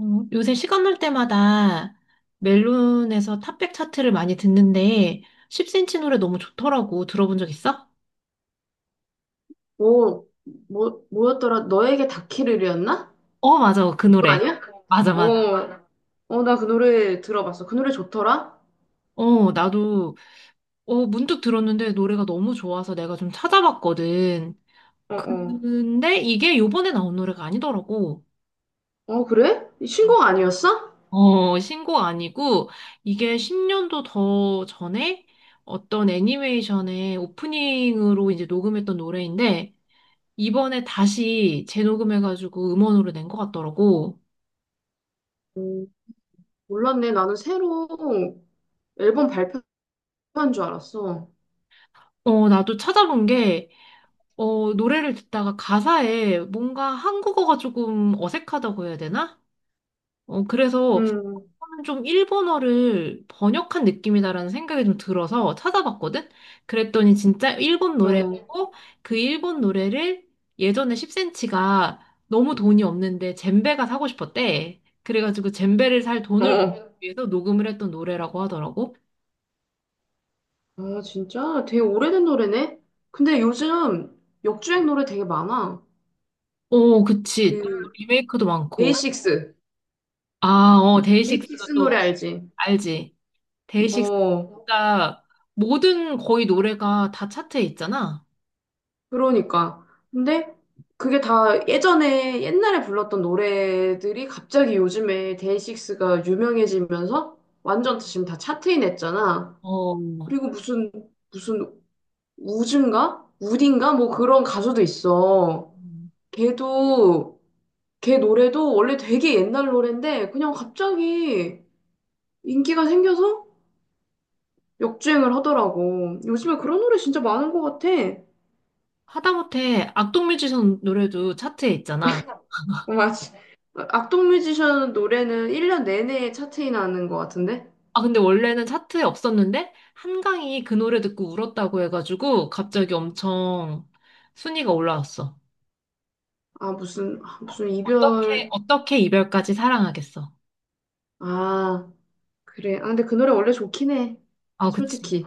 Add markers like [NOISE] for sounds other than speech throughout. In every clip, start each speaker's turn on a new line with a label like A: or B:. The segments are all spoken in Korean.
A: 요새 시간 날 때마다 멜론에서 탑백 차트를 많이 듣는데 10cm 노래 너무 좋더라고. 들어본 적 있어?
B: 오, 뭐였더라? 너에게 닿기를이었나?
A: 어, 맞아. 그
B: 그거
A: 노래.
B: 아니야?
A: 맞아, 맞아.
B: 어, 나 그 노래 들어봤어. 그 노래 좋더라?
A: 어, 나도 문득 들었는데 노래가 너무 좋아서 내가 좀 찾아봤거든.
B: 어, 어.
A: 근데 이게 요번에 나온 노래가 아니더라고.
B: 어, 그래? 이 신곡 아니었어?
A: 어, 신곡 아니고 이게 10년도 더 전에 어떤 애니메이션의 오프닝으로 이제 녹음했던 노래인데 이번에 다시 재녹음해가지고 음원으로 낸 것 같더라고.
B: 음, 몰랐네. 나는 새로 앨범 발표한 줄 알았어.
A: 어, 나도 찾아본 게, 노래를 듣다가 가사에 뭔가 한국어가 조금 어색하다고 해야 되나? 어, 그래서
B: 음,
A: 저는 좀 일본어를 번역한 느낌이다라는 생각이 좀 들어서 찾아봤거든? 그랬더니 진짜 일본
B: 어,
A: 노래였고, 그 일본 노래를 예전에 10cm가 너무 돈이 없는데 젬베가 사고 싶었대. 그래가지고 젬베를 살 돈을
B: 어.
A: 위해서 녹음을 했던 노래라고 하더라고.
B: 아, 진짜? 되게 오래된 노래네? 근데 요즘 역주행 노래 되게 많아.
A: 오, 그치. 또
B: 그,
A: 리메이크도 많고.
B: 데이식스.
A: 아, 어, 데이식스가
B: 데이식스 노래
A: 또
B: 알지?
A: 알지. 데이식스
B: 어.
A: 진짜 모든 거의 노래가 다 차트에 있잖아.
B: 그러니까. 근데 그게 다 예전에 옛날에 불렀던 노래들이 갑자기 요즘에 데이식스가 유명해지면서 완전 지금 다 차트인 했잖아.
A: 어.
B: 그리고 무슨 우즈인가? 우딘가? 뭐 그런 가수도 있어.
A: 음.
B: 걔도 걔 노래도 원래 되게 옛날 노래인데 그냥 갑자기 인기가 생겨서 역주행을 하더라고. 요즘에 그런 노래 진짜 많은 것 같아.
A: 하다못해 악동뮤지션 노래도 차트에 있잖아.
B: 맞지. 악동 뮤지션 노래는 1년 내내 차트에 나는 것 같은데?
A: 아, 근데 원래는 차트에 없었는데 한강이 그 노래 듣고 울었다고 해가지고 갑자기 엄청 순위가 올라왔어.
B: 아, 무슨
A: 어떻게,
B: 이별.
A: 어떻게 이별까지 사랑하겠어.
B: 아, 그래. 아, 근데 그 노래 원래 좋긴 해.
A: 아, 그치.
B: 솔직히.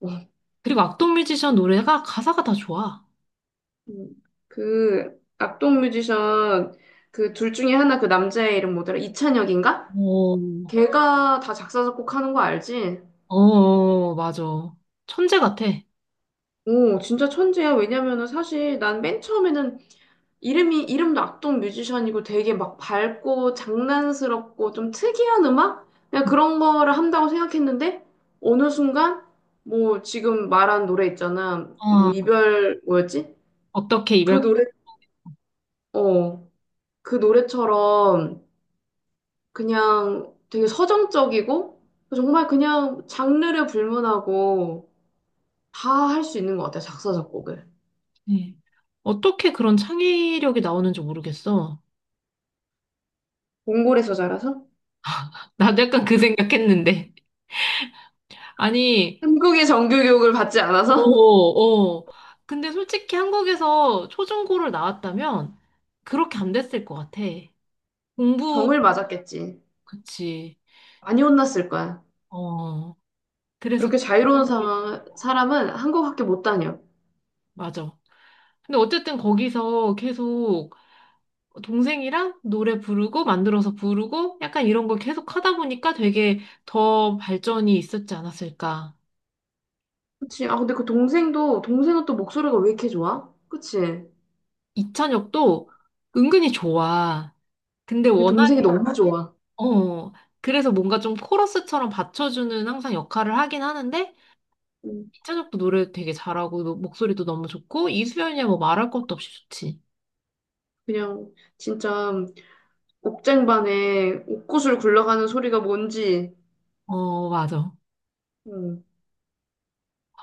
B: 어.
A: 그리고 악동뮤지션 노래가 가사가 다 좋아.
B: 음, 악동 뮤지션, 그 둘 중에 하나 그 남자의 이름 뭐더라? 이찬혁인가?
A: 어.
B: 걔가 다 작사, 작곡하는 거 알지?
A: 어, 어, 맞아. 천재 같아.
B: 오, 진짜 천재야. 왜냐면은 사실 난 맨 처음에는 이름도 악동 뮤지션이고 되게 막 밝고 장난스럽고 좀 특이한 음악? 그냥
A: 어,
B: 그런 거를 한다고 생각했는데 어느 순간 뭐 지금 말한 노래 있잖아. 뭐
A: 아,
B: 이별 뭐였지?
A: 어떻게
B: 그
A: 이별까지.
B: 노래, 어, 그 노래처럼 그냥 되게 서정적이고 정말 그냥 장르를 불문하고 다 할 수 있는 것 같아, 작사, 작곡을.
A: 어떻게 그런 창의력이 나오는지 모르겠어.
B: 몽골에서 자라서?
A: 나도 약간 그 생각했는데. 아니,
B: 한국의 정규교육을 받지
A: 어,
B: 않아서?
A: 어. 근데 솔직히 한국에서 초중고를 나왔다면 그렇게 안 됐을 것 같아.
B: [LAUGHS]
A: 공부,
B: 병을 맞았겠지.
A: 그치.
B: 많이 혼났을 거야.
A: 어, 그래서,
B: 그렇게 자유로운 상황, 사람은 한국밖에 못 다녀.
A: 맞아. 근데 어쨌든 거기서 계속 동생이랑 노래 부르고 만들어서 부르고 약간 이런 걸 계속 하다 보니까 되게 더 발전이 있었지 않았을까.
B: 그치? 아, 근데 동생은 또 목소리가 왜 이렇게 좋아? 그치? 근데
A: 이찬혁도 은근히 좋아. 근데 워낙,
B: 동생이 너무 좋아.
A: 어, 그래서 뭔가 좀 코러스처럼 받쳐주는 항상 역할을 하긴 하는데
B: 음,
A: 이찬혁도 노래 되게 잘하고 목소리도 너무 좋고 이수연이야 뭐 말할 것도 없이 좋지.
B: 그냥, 진짜, 옥쟁반에 옥구슬 굴러가는 소리가 뭔지,
A: 어, 맞아.
B: 음,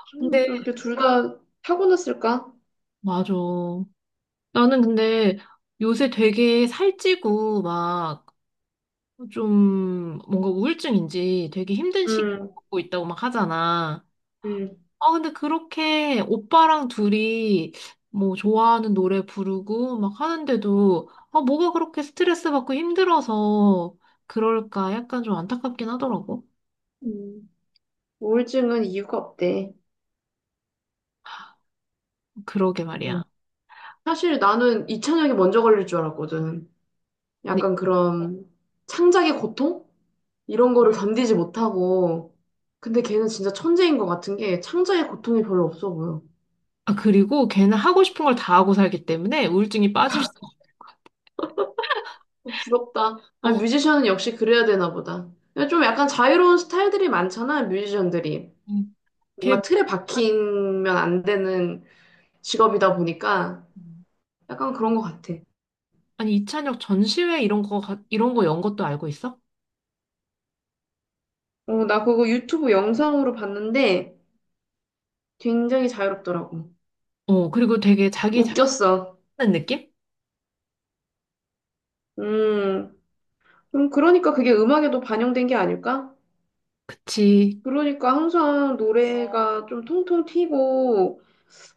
A: 근데,
B: 좀 이렇게 둘 다 타고났을까?
A: 맞아. 나는 근데 요새 되게 살찌고 막 좀 뭔가 우울증인지 되게 힘든 시기를
B: 음,
A: 겪고 있다고 막 하잖아.
B: 음,
A: 아, 근데 그렇게 오빠랑 둘이 뭐 좋아하는 노래 부르고 막 하는데도 아, 뭐가 그렇게 스트레스 받고 힘들어서 그럴까 약간 좀 안타깝긴 하더라고.
B: 음. 우울증은 이유가 없대.
A: 그러게
B: 음.
A: 말이야.
B: 사실 나는 이찬혁이 먼저 걸릴 줄 알았거든.
A: 네.
B: 약간 그런 창작의 고통? 이런 거를 견디지 못하고, 근데 걔는 진짜 천재인 것 같은 게 창작의 고통이 별로 없어 보여.
A: 아, 그리고 걔는 하고 싶은 걸 다 하고 살기 때문에 우울증이 빠질 수
B: 부럽다. 아,
A: 없어.
B: 뮤지션은 역시 그래야 되나 보다. 좀 약간 자유로운 스타일들이 많잖아, 뮤지션들이.
A: 음. 걔,
B: 뭔가 틀에 박히면 안 되는 직업이다 보니까 약간 그런 것 같아.
A: 아니, 이찬혁 전시회 이런 거, 이런 거 연 것도 알고 있어?
B: 어, 나 그거 유튜브 영상으로 봤는데 굉장히 자유롭더라고.
A: 어, 그리고 되게 자기 자
B: 웃겼어.
A: 하는 느낌?
B: 음, 그러니까 그게 음악에도 반영된 게 아닐까?
A: 그치.
B: 그러니까 항상 노래가 좀 통통 튀고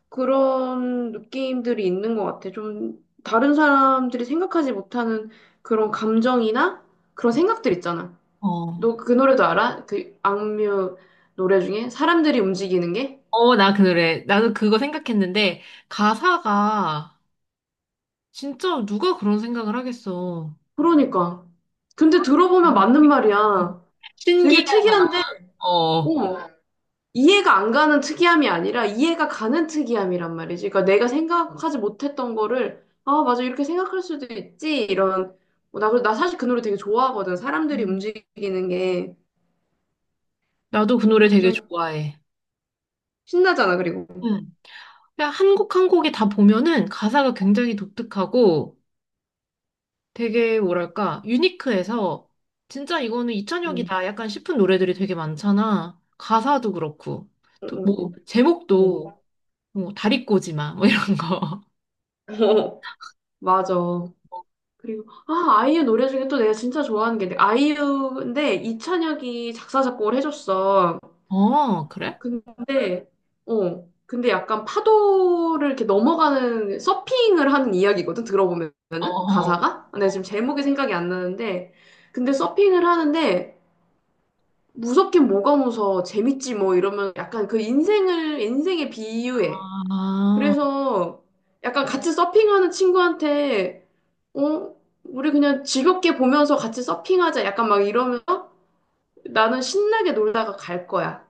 B: 그런 느낌들이 있는 것 같아. 좀 다른 사람들이 생각하지 못하는 그런 감정이나 그런 생각들 있잖아.
A: 어.
B: 너 그 노래도 알아? 그 악뮤 노래 중에 사람들이 움직이는 게?
A: 어, 나 그래. 나도 그거 생각했는데, 가사가 진짜 누가 그런 생각을 하겠어.
B: 그러니까. 근데 들어보면
A: 음.
B: 맞는 말이야. 되게
A: 신기하잖아.
B: 특이한데,
A: 어.
B: 어, 이해가 안 가는 특이함이 아니라 이해가 가는 특이함이란 말이지. 그러니까 내가 생각하지 못했던 거를 아, 맞아. 이렇게 생각할 수도 있지. 이런 나 사실 그 노래 되게 좋아하거든. 사람들이
A: 음.
B: 움직이는 게
A: 나도 그 노래 되게
B: 진짜
A: 좋아해.
B: 신나잖아. 그리고
A: 응. 그냥 한 곡 한 곡이 다 보면은 가사가 굉장히 독특하고 되게 뭐랄까, 유니크해서 진짜 이거는
B: 응,
A: 이찬혁이다 약간 싶은 노래들이 되게 많잖아. 가사도 그렇고.
B: 응,
A: 또
B: 응,
A: 뭐,
B: 응. 응.
A: 제목도 뭐 다리꼬지마 뭐 이런 거.
B: [LAUGHS] 어, 맞아.
A: [LAUGHS]
B: 아이유 노래 중에 또 내가 진짜 좋아하는 게 아이유인데 이찬혁이 작사 작곡을 해줬어.
A: 어, 그래?
B: 근데, 근데 약간 파도를 이렇게 넘어가는 서핑을 하는 이야기거든,
A: 어,
B: 들어보면은?
A: 어.
B: 가사가? 근데 지금 제목이 생각이 안 나는데, 근데 서핑을 하는데, 무섭긴 뭐가 무서워, 재밌지 뭐 이러면 약간 그 인생을, 인생에 비유해.
A: 아,
B: 그래서 약간 같이 서핑하는 어, 우리 그냥 즐겁게 보면서 같이 서핑하자. 약간 막 이러면서 나는 신나게 놀다가 갈 거야.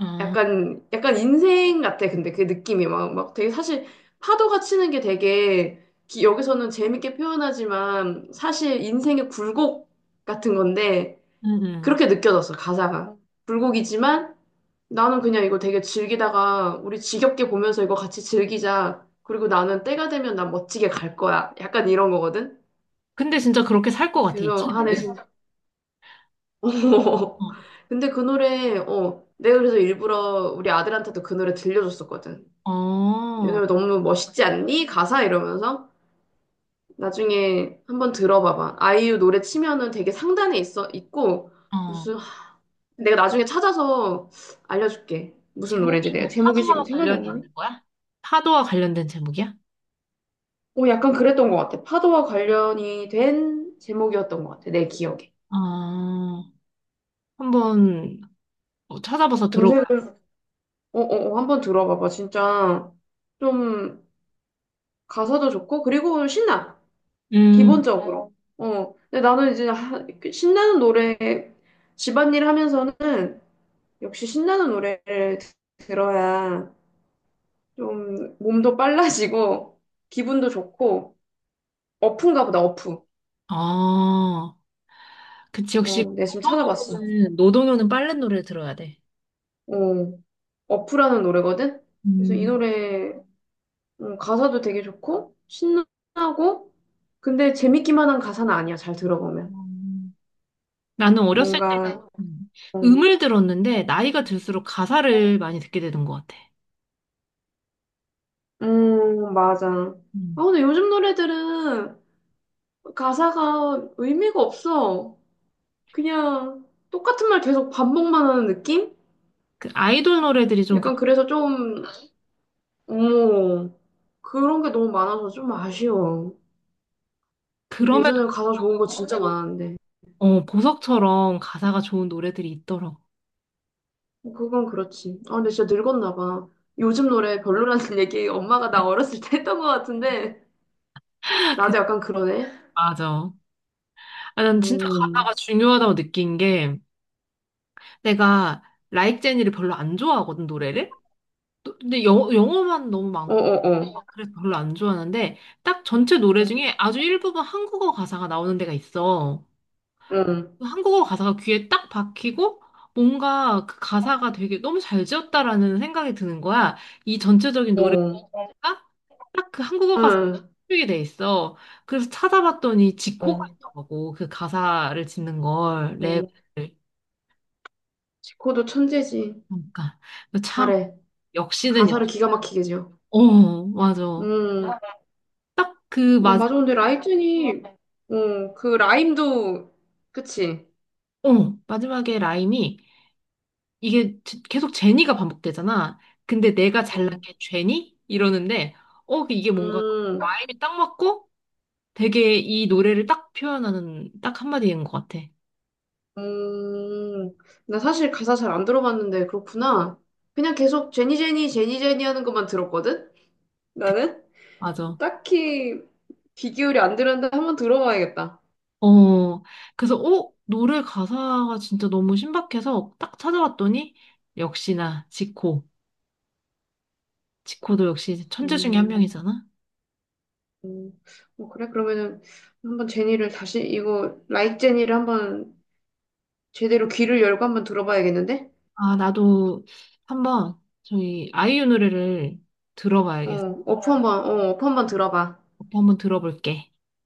A: 음,
B: 약간 인생 같아, 근데 그 느낌이 막 되게 사실 파도가 치는 게 되게 여기서는 재밌게 표현하지만 사실 인생의 굴곡 같은 건데
A: 음, 음.
B: 그렇게 느껴졌어, 가사가. 굴곡이지만 나는 그냥 이거 되게 즐기다가 우리 지겹게 보면서 이거 같이 즐기자. 그리고 나는 때가 되면 난 멋지게 갈 거야. 약간 이런 거거든?
A: 근데 진짜 그렇게 살 것 같아, 이
B: 그래서,
A: 책은.
B: 아, 네
A: [LAUGHS]
B: 진짜. [LAUGHS] 근데 그 노래, 어, 내가 그래서 일부러 우리 아들한테도 그 노래 들려줬었거든.
A: 어, 어.
B: 오늘 너무 멋있지 않니? 가사 이러면서 나중에 한번 들어봐봐. 아이유 노래 치면은 되게 상단에 있어 있고
A: 어.
B: 무슨 하- 내가 나중에 찾아서 알려줄게. 무슨 노래인지
A: 제목이 뭐
B: 내가 제목이 지금
A: 파도와
B: 생각이 안
A: 관련이
B: 나네.
A: 있는 거야? 파도와 관련된 제목이야?
B: 어, 약간 그랬던 것 같아. 파도와 관련이 된 제목이었던 것 같아. 내 기억에.
A: 아, 한번 뭐 찾아봐서 들어봐요.
B: 검색을 어, 한번 들어봐봐. 진짜 좀 가사도 좋고 그리고 신나.
A: 음,
B: 기본적으로. 근데 나는 신나는 노래 집안일 하면서는 역시 신나는 노래를 들어야 좀 몸도 빨라지고 기분도 좋고 어프인가 보다 어프.
A: 아, 그치,
B: 어,
A: 역시
B: 내가 지금 찾아봤어.
A: 노동요는, 노동요는 빨래 노래 들어야 돼.
B: 어, 어프라는 노래거든. 그래서 이
A: 음.
B: 노래 가사도 되게 좋고 신나고 근데 재밌기만 한 가사는 아니야. 잘 들어보면
A: 음. 나는 어렸을 때
B: 뭔가
A: 음,
B: 어,
A: 음을 들었는데 나이가 들수록 가사를 많이 듣게 되는 것 같아.
B: 맞아. 아
A: 음.
B: 근데 요즘 노래들은 가사가 의미가 없어. 그냥 똑같은 말 계속 반복만 하는 느낌?
A: 그 아이돌 노래들이 좀 그,
B: 약간 그래서 좀, 어머, 그런 게 너무 많아서 좀 아쉬워.
A: 그럼에도
B: 예전에 가사 좋은 거
A: 불구하고
B: 진짜
A: 또
B: 많았는데.
A: 어, 보석처럼 가사가 좋은 노래들이 있더라고.
B: 그건 그렇지. 아, 근데 진짜 늙었나 봐. 요즘 노래 별로라는 [LAUGHS] 얘기 엄마가 나 어렸을 때 했던 것 같은데,
A: [LAUGHS] 그,
B: 나도 약간 그러네.
A: 맞아. 아, 난 진짜
B: 음,
A: 가사가 중요하다고 느낀 게 내가 라이크 제니를 별로 안 좋아하거든, 노래를. 근데 영어만 너무 많고
B: 어어어.
A: 막 그래서 별로 안 좋아하는데 딱 전체 노래 중에 아주 일부분 한국어 가사가 나오는 데가 있어.
B: 응,
A: 한국어 가사가 귀에 딱 박히고 뭔가 그 가사가 되게 너무 잘 지었다라는 생각이 드는 거야. 이 전체적인 노래가
B: 어,
A: 딱 그 한국어 가사에
B: 응,
A: 쓰게 돼 있어. 그래서 찾아봤더니 지코가
B: 어
A: 있더라고. 그 가사를 짓는 걸
B: 어
A: 랩을.
B: 지코도 천재지.
A: 그러니까 참
B: 잘해.
A: 역시는
B: 가사를 기가 막히게 지어.
A: 어 맞아.
B: 음,
A: 딱 그
B: 어,
A: 마지막
B: 맞아. 그 라임도, 그치?
A: 어 마지막에 라임이 이게 계속 제니가 반복되잖아. 근데 내가 잘난
B: 어,
A: 게 죄니? 이러는데, 어, 그 이게 뭔가
B: 음,
A: 마음이 딱 맞고 되게 이 노래를 딱 표현하는 딱 한마디인 것 같아.
B: 음, 나 사실 가사 잘 안 들어봤는데 그렇구나. 그냥 계속 제니 제니 제니 제니 하는 것만 들었거든?
A: 그-
B: 나는
A: 맞아.
B: 딱히 귀 기울이 안 들었는데 한번 들어봐야겠다.
A: 어, 그래서, 어, 노래 가사가 진짜 너무 신박해서 딱 찾아봤더니, 역시나 지코. 지코도 역시 천재 중에 한
B: 음,
A: 명이잖아.
B: 음. 어, 그래? 그러면은 한번 제니를 다시 이거 라이크 제니를 한번 제대로 귀를 열고 한번 들어봐야겠는데?
A: 아, 나도 한번 저희 아이유 노래를
B: 어,
A: 들어봐야겠어.
B: 어프 한번 들어봐.
A: 한번 들어볼게.